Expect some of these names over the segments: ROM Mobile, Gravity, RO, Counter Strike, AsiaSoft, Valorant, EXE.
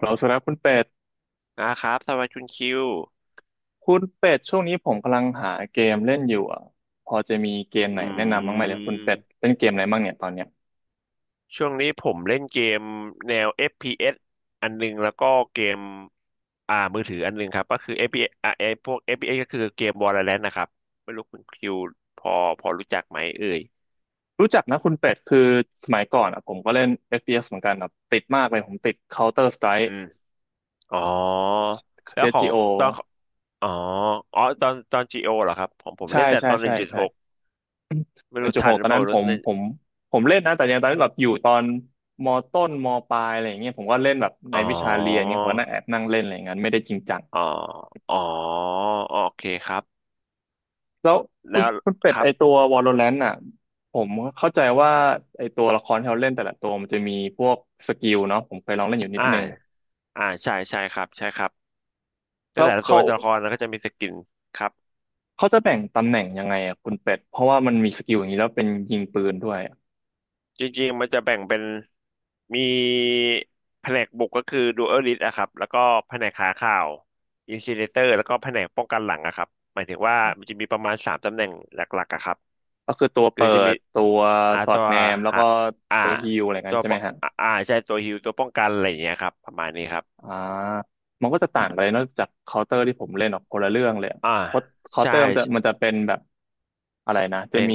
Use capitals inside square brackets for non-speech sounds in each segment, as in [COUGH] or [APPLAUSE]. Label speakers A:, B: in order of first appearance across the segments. A: เราสุดแล้วคุณเป็ด
B: นะครับสวัสดีคุณคิว
A: คุณเป็ดช่วงนี้ผมกำลังหาเกมเล่นอยู่อ่ะพอจะมีเกมไหน
B: อื
A: แนะนำบ้างไหมเลยคุณเป็ด
B: ม
A: เล่นเกมอะไรบ้างเนี่ยตอนเนี้ย
B: ช่วงนี้ผมเล่นเกมแนว FPS อฟพีเอสอันหนึงแล้วก็เกมมือถืออันหนึงครับก็คือเอฟพีเอสไอพวก FPS ก็คือเกม Valorant นะครับไม่รู้คุณคิวพอพอรู้จักไหมเอ่ย
A: รู้จักนะคุณเป็ดคือสมัยก่อนอ่ะผมก็เล่น FPS เอสเหมือนกันอ่ะติดมากเลยผมติด Counter
B: อื
A: Strike
B: มอ๋อแล้ว
A: c
B: ขอ
A: s
B: ง
A: โ o
B: ตอนอ๋ออ๋อตอน GO เหรอครับผม
A: ใช่
B: เล่นแต่
A: ใช่
B: ตอน
A: ใช่ใช่
B: 1.6ไม่
A: หนึ่
B: รู้
A: งจุด
B: ทั
A: ห
B: น
A: ก
B: ห
A: ต
B: รื
A: อ
B: อ
A: น
B: เปล่า
A: นั้นผ
B: รู้
A: ม
B: เลย
A: ผมผมเล่นนะแต่ยังตอนนั้นแบบอยู่ตอนมต้นมปลายอะไรอย่างเงี้ยผมก็เล่นแบบใน
B: อ๋อ
A: วิชาเรียนเงี้ยผมก็นั่งแอบนั่งเล่นอะไรอย่างเงี้ยไม่ได้จริงจัง
B: อ๋ออ๋อโอเคครับ
A: แล้วคุ
B: แล้
A: ณ
B: ว
A: คุณเป็ด
B: ครั
A: ไอ
B: บ
A: ตัว Valorant น่ะผมเข้าใจว่าไอตัวละครที่เราเล่นแต่ละตัวมันจะมีพวกสกิลเนาะผมเคยลองเล่นอยู่นิด
B: อ่า
A: นึง
B: ใช่ใช่ครับใช่ครับแต่
A: แล้ว
B: แต่ละตัว
A: เขา
B: ละครแล้วก็จะมีสกินครับ
A: เขาจะแบ่งตำแหน่งยังไงอะคุณเป็ดเพราะว่ามันมีสกิลอย่างนี้แล้วเป็นยิงปืนด้วยอะ
B: จริงๆมันจะแบ่งเป็นมีแผนกบุกก็คือดูเออริสอะครับแล้วก็แผนกหาข่าวอินซิเลเตอร์แล้วก็แผนกป้องกันหลังอะครับหมายถึงว่ามันจะมีประมาณสามตำแหน่งหลักๆอะครับ
A: ก็คือตัว
B: คือ
A: เปิ
B: จะมี
A: ดตัวสอ
B: ตั
A: ด
B: ว
A: แนมแล้ว
B: หา
A: ก็
B: อ่า
A: ตัวฮีลอะไรกั
B: ตั
A: น
B: ว
A: ใช่
B: ป
A: ไหมฮะ
B: ใช่ตัวฮิลตัวป้องกันอะไรอย่างเงี้ยครับประมาณนี้ครับ
A: อ่ามันก็จะต่างไปเลยนอกจากเคาน์เตอร์ที่ผมเล่นออกคนละเรื่องเลยอะ
B: อ่า
A: เพราะเคาน์
B: ใช่
A: เตอร์มันจะเป็นแบบอะไรนะจะ
B: เป็น
A: มี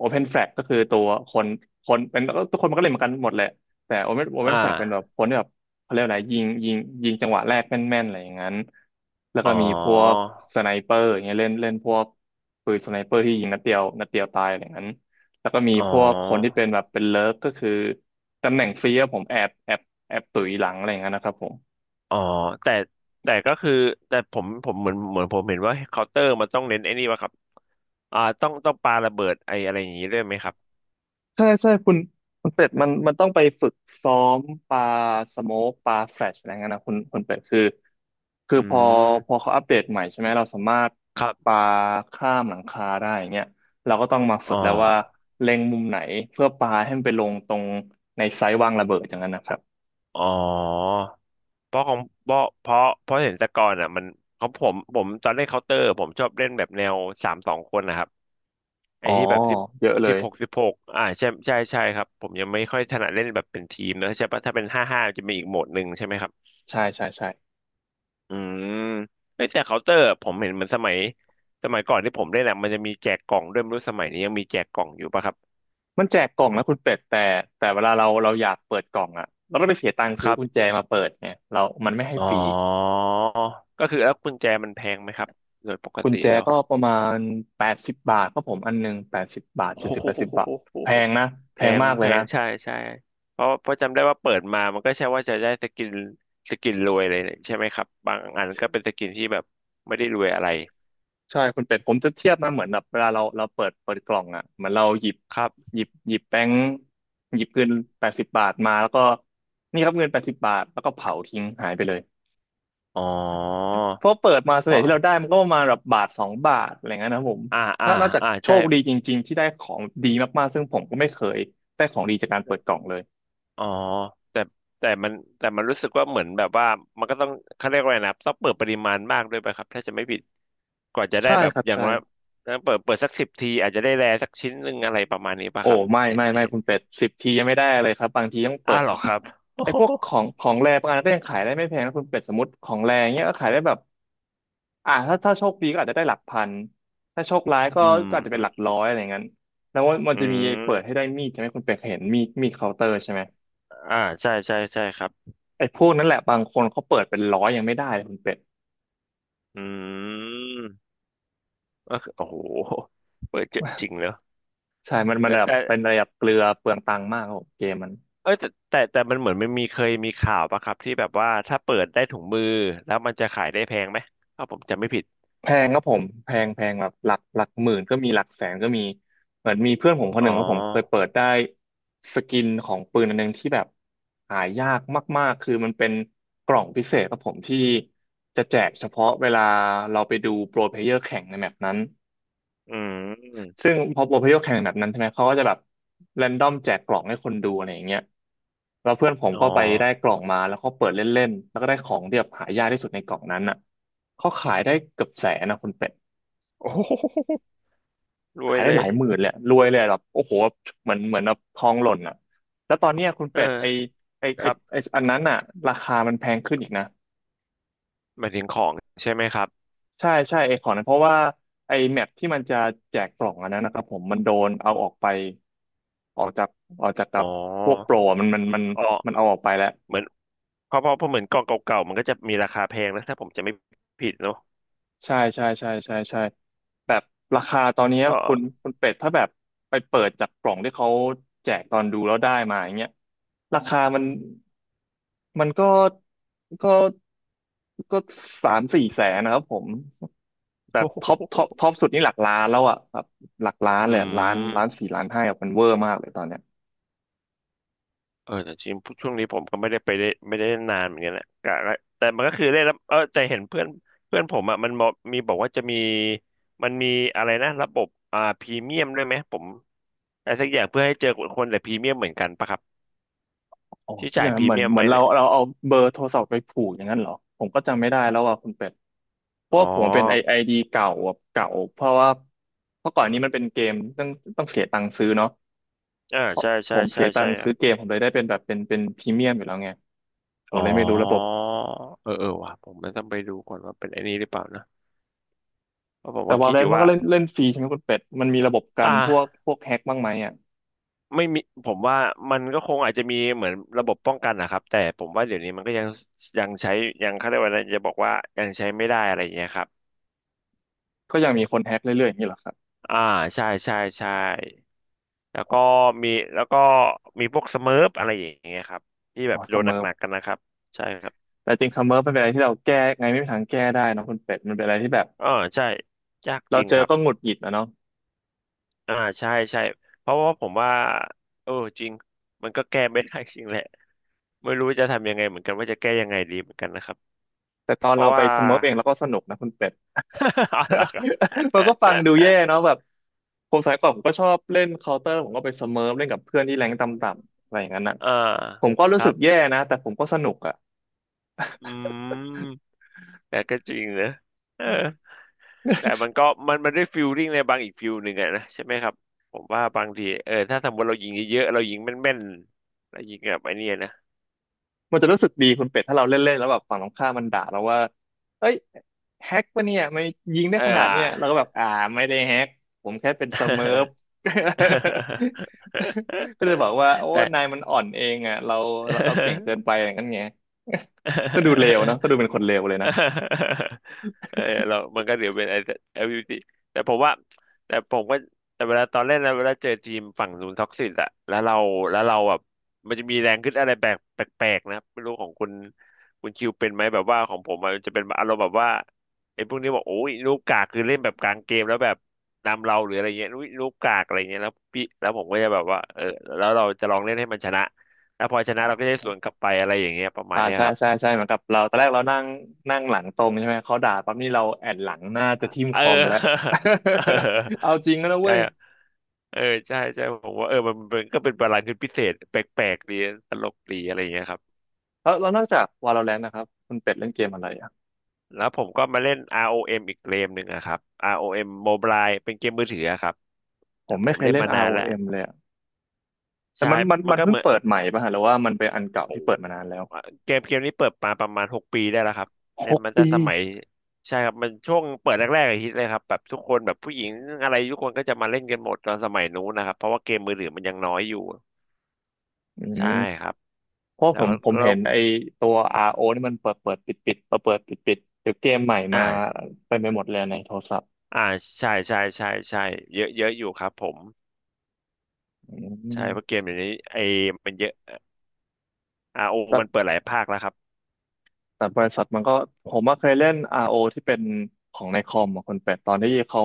A: Open Flag ก็คือตัวคนเป็นทุกคนมันก็เล่นเหมือนกันหมดแหละแต่ Open
B: อ่
A: Open Flag เป็นแบบ
B: า
A: คนที่แบบเขาเรียกว่าอะไรยิงจังหวะแรกแม่นๆอะไรอย่างนั้นแล้ว
B: อ๋
A: ก็
B: อ
A: มีพวกสไนเปอร์อย่างเงี้ยเล่นเล่นพวกปืนสไนเปอร์ที่ยิงนัดเดียวนัดเดียวตายอะไรอย่างนั้นแล้วก็มี
B: อ๋อ
A: พวกคนที่เป็นแบบเป็นเลิฟก็คือตำแหน่งฟรีอะผมแอบตุ๋ยหลังอะไรอย่างนั้นนะครับผม
B: อ๋อแต่แต่ก็คือแต่ผมเหมือนผมเห็นว่าเคาน์เตอร์มันต้องเน้นไอ้นี่วะครับต้องปาระเบิดไออะไรอย่างนี้ด้วยไหมครับ
A: ใช่ใช่คุณเป็ดมันต้องไปฝึกซ้อมปลาสโมกปลาแฟลชอะไรเงี้ยนะคุณเป็ดคือ
B: อื
A: พอ
B: ม
A: เขาอัปเดตใหม่ใช่ไหมเราสามารถ
B: ครั
A: ป
B: บ
A: ลาข้ามหลังคาได้อย่างเงี้ยเราก็ต้องมา
B: อ๋
A: ฝึกแล้วว่า
B: อ
A: เล็งมุมไหนเพื่อปลาให้มันไปลงตรงในไซส์วางระเบิดอย่างนั้นนะครับ
B: อ๋อเพราะของเพราะเห็นแต่ก่อนอ่ะมันของผมตอนเล่นเคาน์เตอร์ผมชอบเล่นแบบแนวสามสองคนนะครับ
A: อ๋
B: ไอ้
A: อ
B: ที่แบบ
A: เยอะเล
B: สิบ
A: ย
B: หกอ่าใช่ใช่ใช่ครับผมยังไม่ค่อยถนัดเล่นแบบเป็นทีมนะใช่ปะถ้าเป็นห้าจะมีอีกโหมดหนึ่งใช่ไหมครับ
A: ใช่ใช่ใช่
B: อืมไอ้ยแต่เคาน์เตอร์ผมเห็นเหมือนสมัยก่อนที่ผมเล่นอะมันจะมีแจกกล่องด้วยไม่รู้สมัยนี้ยังมีแจกกล่องอยู่ปะครับ
A: มันแจกกล่องนะคุณเป็ดแต่เวลาเราอยากเปิดกล่องอะเราก็ไปเสียตังค์
B: ค
A: ซื้อ
B: รับ
A: กุญแจมาเปิดไงเรามันไม่ให้
B: อ๋อ
A: ฟรี
B: ก็คือแล้วกุญแจมันแพงไหมครับโดยปก
A: กุญ
B: ติ
A: แจ
B: แล้ว
A: ก็ประมาณแปดสิบบาทครับผมอันหนึ่งแปดสิบบาท
B: โอ้
A: เจ็ดสิบ
B: โ
A: แปดสิบบาทแพ
B: ห
A: งนะ
B: แพ
A: แพง
B: ง
A: มากเล
B: แพ
A: ยนะ
B: งใช่ใช่เพราะจำได้ว่าเปิดมามันก็ใช่ว่าจะได้สกินสกินรวยเลยใช่ไหมครับบางอันก็เป็นสกินที่แบบไม่ได้รวยอะไร
A: ใช่คุณเป็ดผมจะเทียบนะเหมือนแบบเวลาเราเปิดกล่องอ่ะเหมือนเราหยิบ
B: ครับ
A: หยิบหยิบแบงค์หยิบเงินแปดสิบบาทมาแล้วก็นี่ครับเงินแปดสิบบาทแล้วก็เผาทิ้งหายไปเลย
B: อ๋อ
A: เพราะเปิดมาส่วน
B: เพ
A: ใหญ่
B: ราะ
A: ที่เราได้มันก็ประมาณแบบบาทสองบาทอะไรเงี้ยนะครับผม
B: อ่าอ่า
A: ถ้านอกจาก
B: อ่า
A: โช
B: ใช่
A: คดีจริงๆที่ได้ของดีมากๆซึ่งผมก็ไม่เคยได้ของดีจากการเปิดกล่องเลย
B: อ๋อแต่แต่มันแต่มันรู้สึกว่าเหมือนแบบว่ามันก็ต้องเขาเรียกว่าไงนะต้องเปิดปริมาณมากด้วยไปครับถ้าจะไม่ผิดกว่าจะได้
A: ใช่
B: แบบ
A: ครับ
B: อย่าง
A: ใช่
B: น้อยเปิดสักสิบทีอาจจะได้แรสักชิ้นหนึ่งอะไรประมาณนี้ป่ะ
A: โอ้
B: ครับ
A: ไม่
B: เห็น
A: ไม่ไม่
B: เห็น
A: คุณเป็ดสิบทียังไม่ได้เลยครับบางทีต้องเปิ
B: อ้าว
A: ด
B: เหรอครับโอ
A: ไอ้
B: โห
A: พวกของแรบางอันก็ยังขายได้ไม่แพงนะคุณเป็ดสมมติของแรงเนี้ยก็ขายได้แบบถ้าโชคดีก็อาจจะได้หลักพันถ้าโชคร้ายก็
B: อืม
A: อาจจะ
B: อื
A: เป็นหลัก
B: ม
A: ร้อยอะไรเงี้ยแล้วมัน
B: อื
A: จะมีเปิดให้
B: ม
A: ได้มีดใช่ไหมคุณเป็ดเคยเห็นมีดเคาน์เตอร์ใช่ไหม
B: อ่าใช่ใช่ใช่ครับ
A: ไอ้พวกนั้นแหละบางคนเขาเปิดเป็นร้อยยังไม่ได้เลยคุณเป็ด
B: อืมก็คือโอ้โหเปิดเจอะจริงเนอะ
A: ใช่มัน
B: แต่
A: แบบ
B: แต่
A: เป็นระดับเกลือเปลืองตังค์มากครับผมเกมมัน
B: เอยแต่แต่มันเหมือนมันมีเคยมีข่าวป่ะครับที่แบบว่าถ้าเปิดได้ถุงมือแล้วมันจะขายได้แพงไหมถ้าผมจำไม่ผิด
A: แพงครับผมแพงแบบหลักหมื่นก็มีหลักแสนก็มีเหมือนมีเพื่อนผมคน
B: อ๋
A: หนึ่งครับผมเคย
B: อ
A: เปิดได้สกินของปืนอันหนึงที่แบบหายากมากๆคือมันเป็นกล่องพิเศษครับผมที่จะแจกเฉพาะเวลาเราไปดูโปรเพลเยอร์แข่งในแมปนั้น
B: อืม
A: ซึ่งพอโปรเพลเยอร์แข่งในแมปนั้นใช่ไหมเขาก็จะแบบแรนดอมแจกกล่องให้คนดูอะไรอย่างเงี้ยแล้วเพื่อนผม
B: อ๋อ
A: ก็ไปได้กล่องมาแล้วก็เปิดเล่นๆแล้วก็ได้ของที่แบบหายากที่สุดในกล่องนั้นอ่ะเขาขายได้เกือบแสนนะคุณเป็ด
B: [LAUGHS] โอ้โห รว
A: ขา
B: ย
A: ยได้
B: เล
A: ห
B: ย
A: ลายหมื่นเลยอะรวยเลยอะแบบโอ้โหเหมือนแบบทองหล่นอ่ะแล้วตอนเนี้ยคุณ
B: เ
A: เป็ด
B: ออ
A: ไอไอ
B: ครั
A: ไอ
B: บ
A: อันนั้นอ่ะราคามันแพงขึ้นอีกนะ
B: หมายถึงของใช่ไหมครับ
A: ใช่ใช่ไอของนั้นเพราะว่าไอแมปที่มันจะแจกกล่องอันนั้นนะครับผมมันโดนเอาออกไปออกจากออกจากกั
B: อ๋อ
A: บพวกโปรอะมัน
B: อ๋อ
A: มันเอาออกไปแล้ว
B: เหมือน เพราะเหมือนกล่องเก่าๆมันก็จะมีราคาแพงนะถ้าผมจะไม่ผิดเนอะ
A: ใช่ใช่ใช่ใช่ใช่ แบบราคาตอนนี้
B: อ๋ [LAUGHS]
A: คุณ
B: อ
A: คุณเป็ดถ้าแบบไปเปิดจากกล่องที่เขาแจกตอนดูแล้วได้มาอย่างเงี้ยราคามันมันก็ก็ก็3-4 แสนนะครับผมแบบ
B: โอ้
A: ท็อปท็อป
B: โห
A: ท็อปสุดนี่หลักล้านแล้วอ่ะแบบหลักล้าน
B: อื
A: เลยล้านล้าน
B: ม
A: สี่ล้านห้าอะมันเวอร์มากเลยตอนเนี้ย
B: เออแต่จริงช่วงนี้ผมก็ไม่ได้ไปได้ไม่ได้เล่นนานเหมือนกันแหละกะละแต่มันก็คือเล่นแล้วเออแต่เห็นเพื่อนเพื่อนผมอ่ะมันบอกมีบอกว่าจะมีมันมีอะไรนะระบบพรีเมียมด้วยไหมผมอะไรสักอย่างเพื่อให้เจอคนแต่พรีเมียมเหมือนกันปะครับ
A: อ๋อ
B: ที่
A: คิดอ
B: จ่าย
A: ย่าง
B: พ
A: นั้น
B: รี
A: เหมือน
B: เมียม
A: เหมือ
B: ไอ้
A: นเรา
B: เนี่ย
A: เราเอาเบอร์โทรศัพท์ไปผูกอย่างนั้นเหรอ ผมก็จำไม่ได้แล้วอ่ะคุณเป็ด เพ
B: อ๋
A: ราะ
B: อ
A: ว่าผมเป็นไอดีเก่าอะเก่า เพราะว่าเมื่อก่อนนี้มันเป็นเกม ต้องต้องเสียตังค์ซื้อเนาะ
B: อ่า
A: เพราะ
B: ใช่
A: ผ
B: ใช่
A: มเสี
B: ใช่
A: ยตั
B: ใช่
A: งค์
B: ครั
A: ซื้
B: บ
A: อเกมผมเลยได้เป็นแบบเป็นพรีเมียมอยู่แล้วไงผม
B: อ๋อ
A: เลยไม่รู้ระบบ
B: เออเออว่ะผมไม่ต้องไปดูก่อนว่าเป็นไอ้นี้หรือเปล่านะเพราะผม
A: แต่
B: ก็คิดอ
A: Valorant
B: ยู่
A: มัน
B: ว่า
A: ก็เล่นเล่นฟรีใช่ไหมคุณเป็ด มันมีระบบกั
B: อ่า
A: นพวกแฮ็กบ้างไหมอ่ะ
B: ไม่มีผมว่ามันก็คงอาจจะมีเหมือนระบบป้องกันนะครับแต่ผมว่าเดี๋ยวนี้มันก็ยังยังใช้ยังเขาเรียกว่าอะไรจะบอกว่ายังใช้ไม่ได้อะไรอย่างเงี้ยครับ
A: ก็ยังมีคนแฮ็กเรื่อยๆอย่างนี้เหรอครับ
B: อ่าใช่ใช่ใช่แล้วก็มีแล้วก็พวกสเมิร์ฟอะไรอย่างเงี้ยครับที่แบ
A: อ๋อ
B: บโด
A: เส
B: น
A: มอ
B: หนักๆกันนะครับใช่ครับ
A: แต่จริงเสมอเป็นอะไรที่เราแก้ไงไม่มีทางแก้ได้เนอะคุณเป็ดมันเป็นอะไรที่แบบ
B: อ่าใช่ยากจ
A: เรา
B: ริง
A: เจ
B: ค
A: อ
B: รับ
A: ก็หงุดหงิดนะเนาะ
B: อ่าใช่ใช่เพราะว่าผมว่าเออจริงมันก็แก้ไม่ได้จริงแหละไม่รู้จะทำยังไงเหมือนกันว่าจะแก้ยังไงดีเหมือนกันนะครับ
A: แต่ตอน
B: เพ
A: เรา
B: ราะ
A: ไป
B: ว่า
A: สเมิร์ฟเองเราก็สนุกนะคุณเป็ด
B: [LAUGHS] อ๋อเหรอครับ
A: [LAUGHS] มันก็ฟังดูแย่เนาะแบบผมสมัยก่อนผมก็ชอบเล่นเคาน์เตอร์ผมก็ไปสเมิร์ฟเล่นกับเพื่อนที่แรงค์ต่ำๆอะไรอย่างนั้นนะ
B: เออ
A: ผมก็
B: ค
A: รู้
B: รั
A: สึกแย่
B: บ
A: นะแต่ผมก็สนุกอะ
B: อืมแต่ก็จริงนะเออแต่มันก็มันมันได้ฟิลลิ่งในบางอีกฟิลหนึ่งอะนะใช่ไหมครับ ผมว่าบางทีเออถ้าสมมติเรายิงเยอะๆเรายิงแม่นๆเรายิงแบบไอ้เนี่ยนะ
A: มันจะรู้สึกดีคุณเป็ดถ้าเราเล่นๆแล้วแบบฝั่งตรงข้ามมันด่าเราว่าเอ้ยแฮกปะเนี่ยไม่ยิงได้
B: เอ
A: ขนาดเนี่ยเรา
B: อ
A: ก็แบบอ่าไม่ได้แฮกผมแค่เป็นสเมิร์ฟ [LAUGHS] ก็เลยบอกว่าโอ้
B: [LAUGHS] แต่
A: นายมันอ่อนเองอ่ะเราเราเก่งเกิน
B: [LAUGHS]
A: ไปอย่างนั้นไง [LAUGHS] ก็ดูเล
B: [LAUGHS]
A: วเนอะก็ดูเป็นคนเลวเลยนะ
B: เออเรามันก็เดี๋ยวเป็นไอ้ LGBT แต่ผมว่าแต่ผมก็แต่เวลาตอนเล่นแล้วเวลาเจอทีมฝั่งนู้นท็อกซิตอะแล้วเราแบบมันจะมีแรงขึ้นอะไรแปลกๆนะไม่รู้ของคุณคิวเป็นไหมแบบว่าของผมมันจะเป็นอารมณ์แบบว่าไอ้พวกนี้บอกโอ้ยลูกกากคือเล่นแบบกลางเกมแล้วแบบนำเราหรืออะไรเงี้ยลูกกากอะไรเงี้ยแล้วผมก็จะแบบว่าเออแล้วเราจะลองเล่นให้มันชนะแล้วพอชนะเราก็จะได้สวนกลับไปอะไรอย่างเงี้ยประมา
A: อ่า
B: ณเนี้ย
A: ใช่
B: ครับ
A: ใช่ใช่เหมือนกับเราตอนแรกเรานั่งนั่งหลังตรงใช่ไหมเขาด่าปั๊บนี่เราแอนหลังหน้าจะทิ่ม
B: เอ
A: คอมแล้ว
B: อ [LAUGHS]
A: [LAUGHS] เอาจริงแล้วนะ
B: เออ
A: เว้
B: ใช่
A: ย
B: อะเออใช่ใช่ผมว่าเออมันก็เป็นบาลานซ์พิเศษแปลกๆดีตลกดีอะไรอย่างเงี้ยครับ
A: แล้วนอกจาก Valorant นะครับคุณเป็ดเล่นเกมอะไรอ่ะ
B: แล้วผมก็มาเล่น ROM อเอ็มอีกเกมหนึ่งอะครับ ROM Mobile เป็นเกมมือถืออะครับ
A: ผ
B: แต่
A: ม
B: ผ
A: ไม่
B: ม
A: เคย
B: เล่น
A: เล่น
B: มานาน
A: ROM
B: แล้ว
A: เอ็มเลยอะแต่
B: ใช่
A: มันมัน
B: มัน
A: มัน
B: ก็
A: เพิ่
B: เห
A: ง
B: มือน
A: เปิดใหม่ป่ะฮะหรือว่ามันเป็นอันเก่า
B: โอ
A: ที่เปิด
B: ้
A: มานานแล้ว
B: เกมนี้เปิดมาประมาณ6 ปีได้แล้วครับเล่
A: ห
B: น
A: ก
B: มันจะ
A: ปี
B: สมัยใช่ครับมันช่วงเปิดแรกๆอะฮิตเลยครับแบบทุกคนแบบผู้หญิงอะไรทุกคนก็จะมาเล่นกันหมดตอนสมัยนู้นนะครับเพราะว่าเกมมือถือมันยังน้อยอยู่
A: อืม
B: ใช่ครับ
A: เพราะ
B: แล้
A: ผ
B: ว
A: มผม
B: ก็
A: เห็นไอตัว RO นี่มันเปิดเปิดปิดปิดเปิดเปิดปิดปิดเดี๋ยวเกมใหม่
B: อ
A: มา
B: ่า
A: เต็มไปหมดเลยในโทรศัพท์
B: อ่าใช่ใช่ใช่ใช่เยอะเยอะอยู่ครับผม
A: อื
B: ใช่
A: ม
B: เพราะเกมอย่างนี้ไอ้มันเยอะอาโอ
A: แต่
B: มันเปิดหลายภาคแล้วครับ
A: แต่บริษัทมันก็ผมว่าเคยเล่น RO ที่เป็นของในคอมอะคนเป็ดตอนที่เขา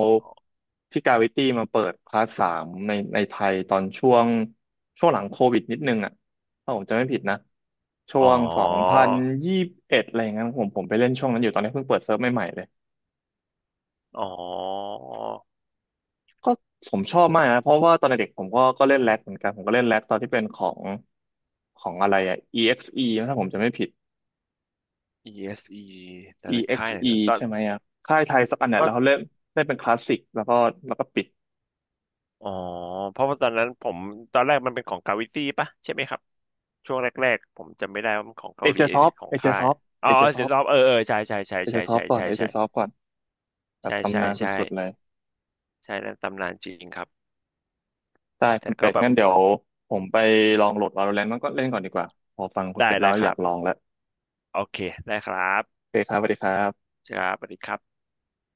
A: ที่กาวิตี้มาเปิดคลาสสามในไทยตอนช่วงหลังโควิดนิดนึงอ่ะถ้าผมจำไม่ผิดนะช่
B: อ๋
A: ว
B: อ
A: ง2021อะไรอย่างนั้นผมไปเล่นช่วงนั้นอยู่ตอนนี้เพิ่งเปิดเซิร์ฟใหม่ๆเลย
B: อ๋อ
A: ก็ผมชอบมากนะเพราะว่าตอนเด็กๆผมก็เล่นแร็กเหมือนกันผมก็เล่นแร็กตอนที่เป็นของอะไรอ่ะ EXE นะถ้าผมจำไม่ผิด
B: ESE แต่นนั้นค่ายไหน
A: EXE
B: เนอะตอน
A: ใช่ไหมอ่ะค่ายไทยสักอันเนี่ย
B: ก็
A: แล้วเขาเล่นเล่นเป็นคลาสสิกแล้วก็แล้วก็ปิด
B: อ๋อเพราะว่าตอนนั้นผมตอนแรกมันเป็นของเกาหลีปะใช่ไหมครับช่วงแรกๆผมจำไม่ได้ว่ามันของ
A: เอ
B: เกาหลี
A: เชียซ
B: ห
A: อ
B: รื
A: ฟ
B: อของ
A: เอเชีย
B: ค่า
A: ซ
B: ย
A: อฟ
B: อ๋อ
A: เอเชียซ
B: เสี
A: อ
B: ย
A: ฟ
B: รอบเออเออใช่ใช่ใช่
A: เอเชี
B: ใช่
A: ยซอ
B: ใช่
A: ฟก่อน
B: ใช่
A: เอเชี
B: ใช่
A: ยซอฟก่อนแบบ
B: ใช่ใช่
A: ตำนาน
B: ใช่
A: สุดๆเลย
B: ใช่ใช่นั่นตำนานจริงครับ
A: ได้
B: แต่
A: คุณ
B: ก็
A: เป็ด
B: แบบ
A: งั้นเดี๋ยวผมไปลองโหลด Valorant มันก็เล่นก่อนดีกว่าพอฟังคุณ
B: ได้
A: เป็ดแล้
B: ได้
A: ว
B: ค
A: อ
B: รั
A: ยาก
B: บ
A: ลองแล้ว
B: โอเคได้ครับ
A: โอเคครับสวัสดีครับ
B: ครับสวัสดีครับ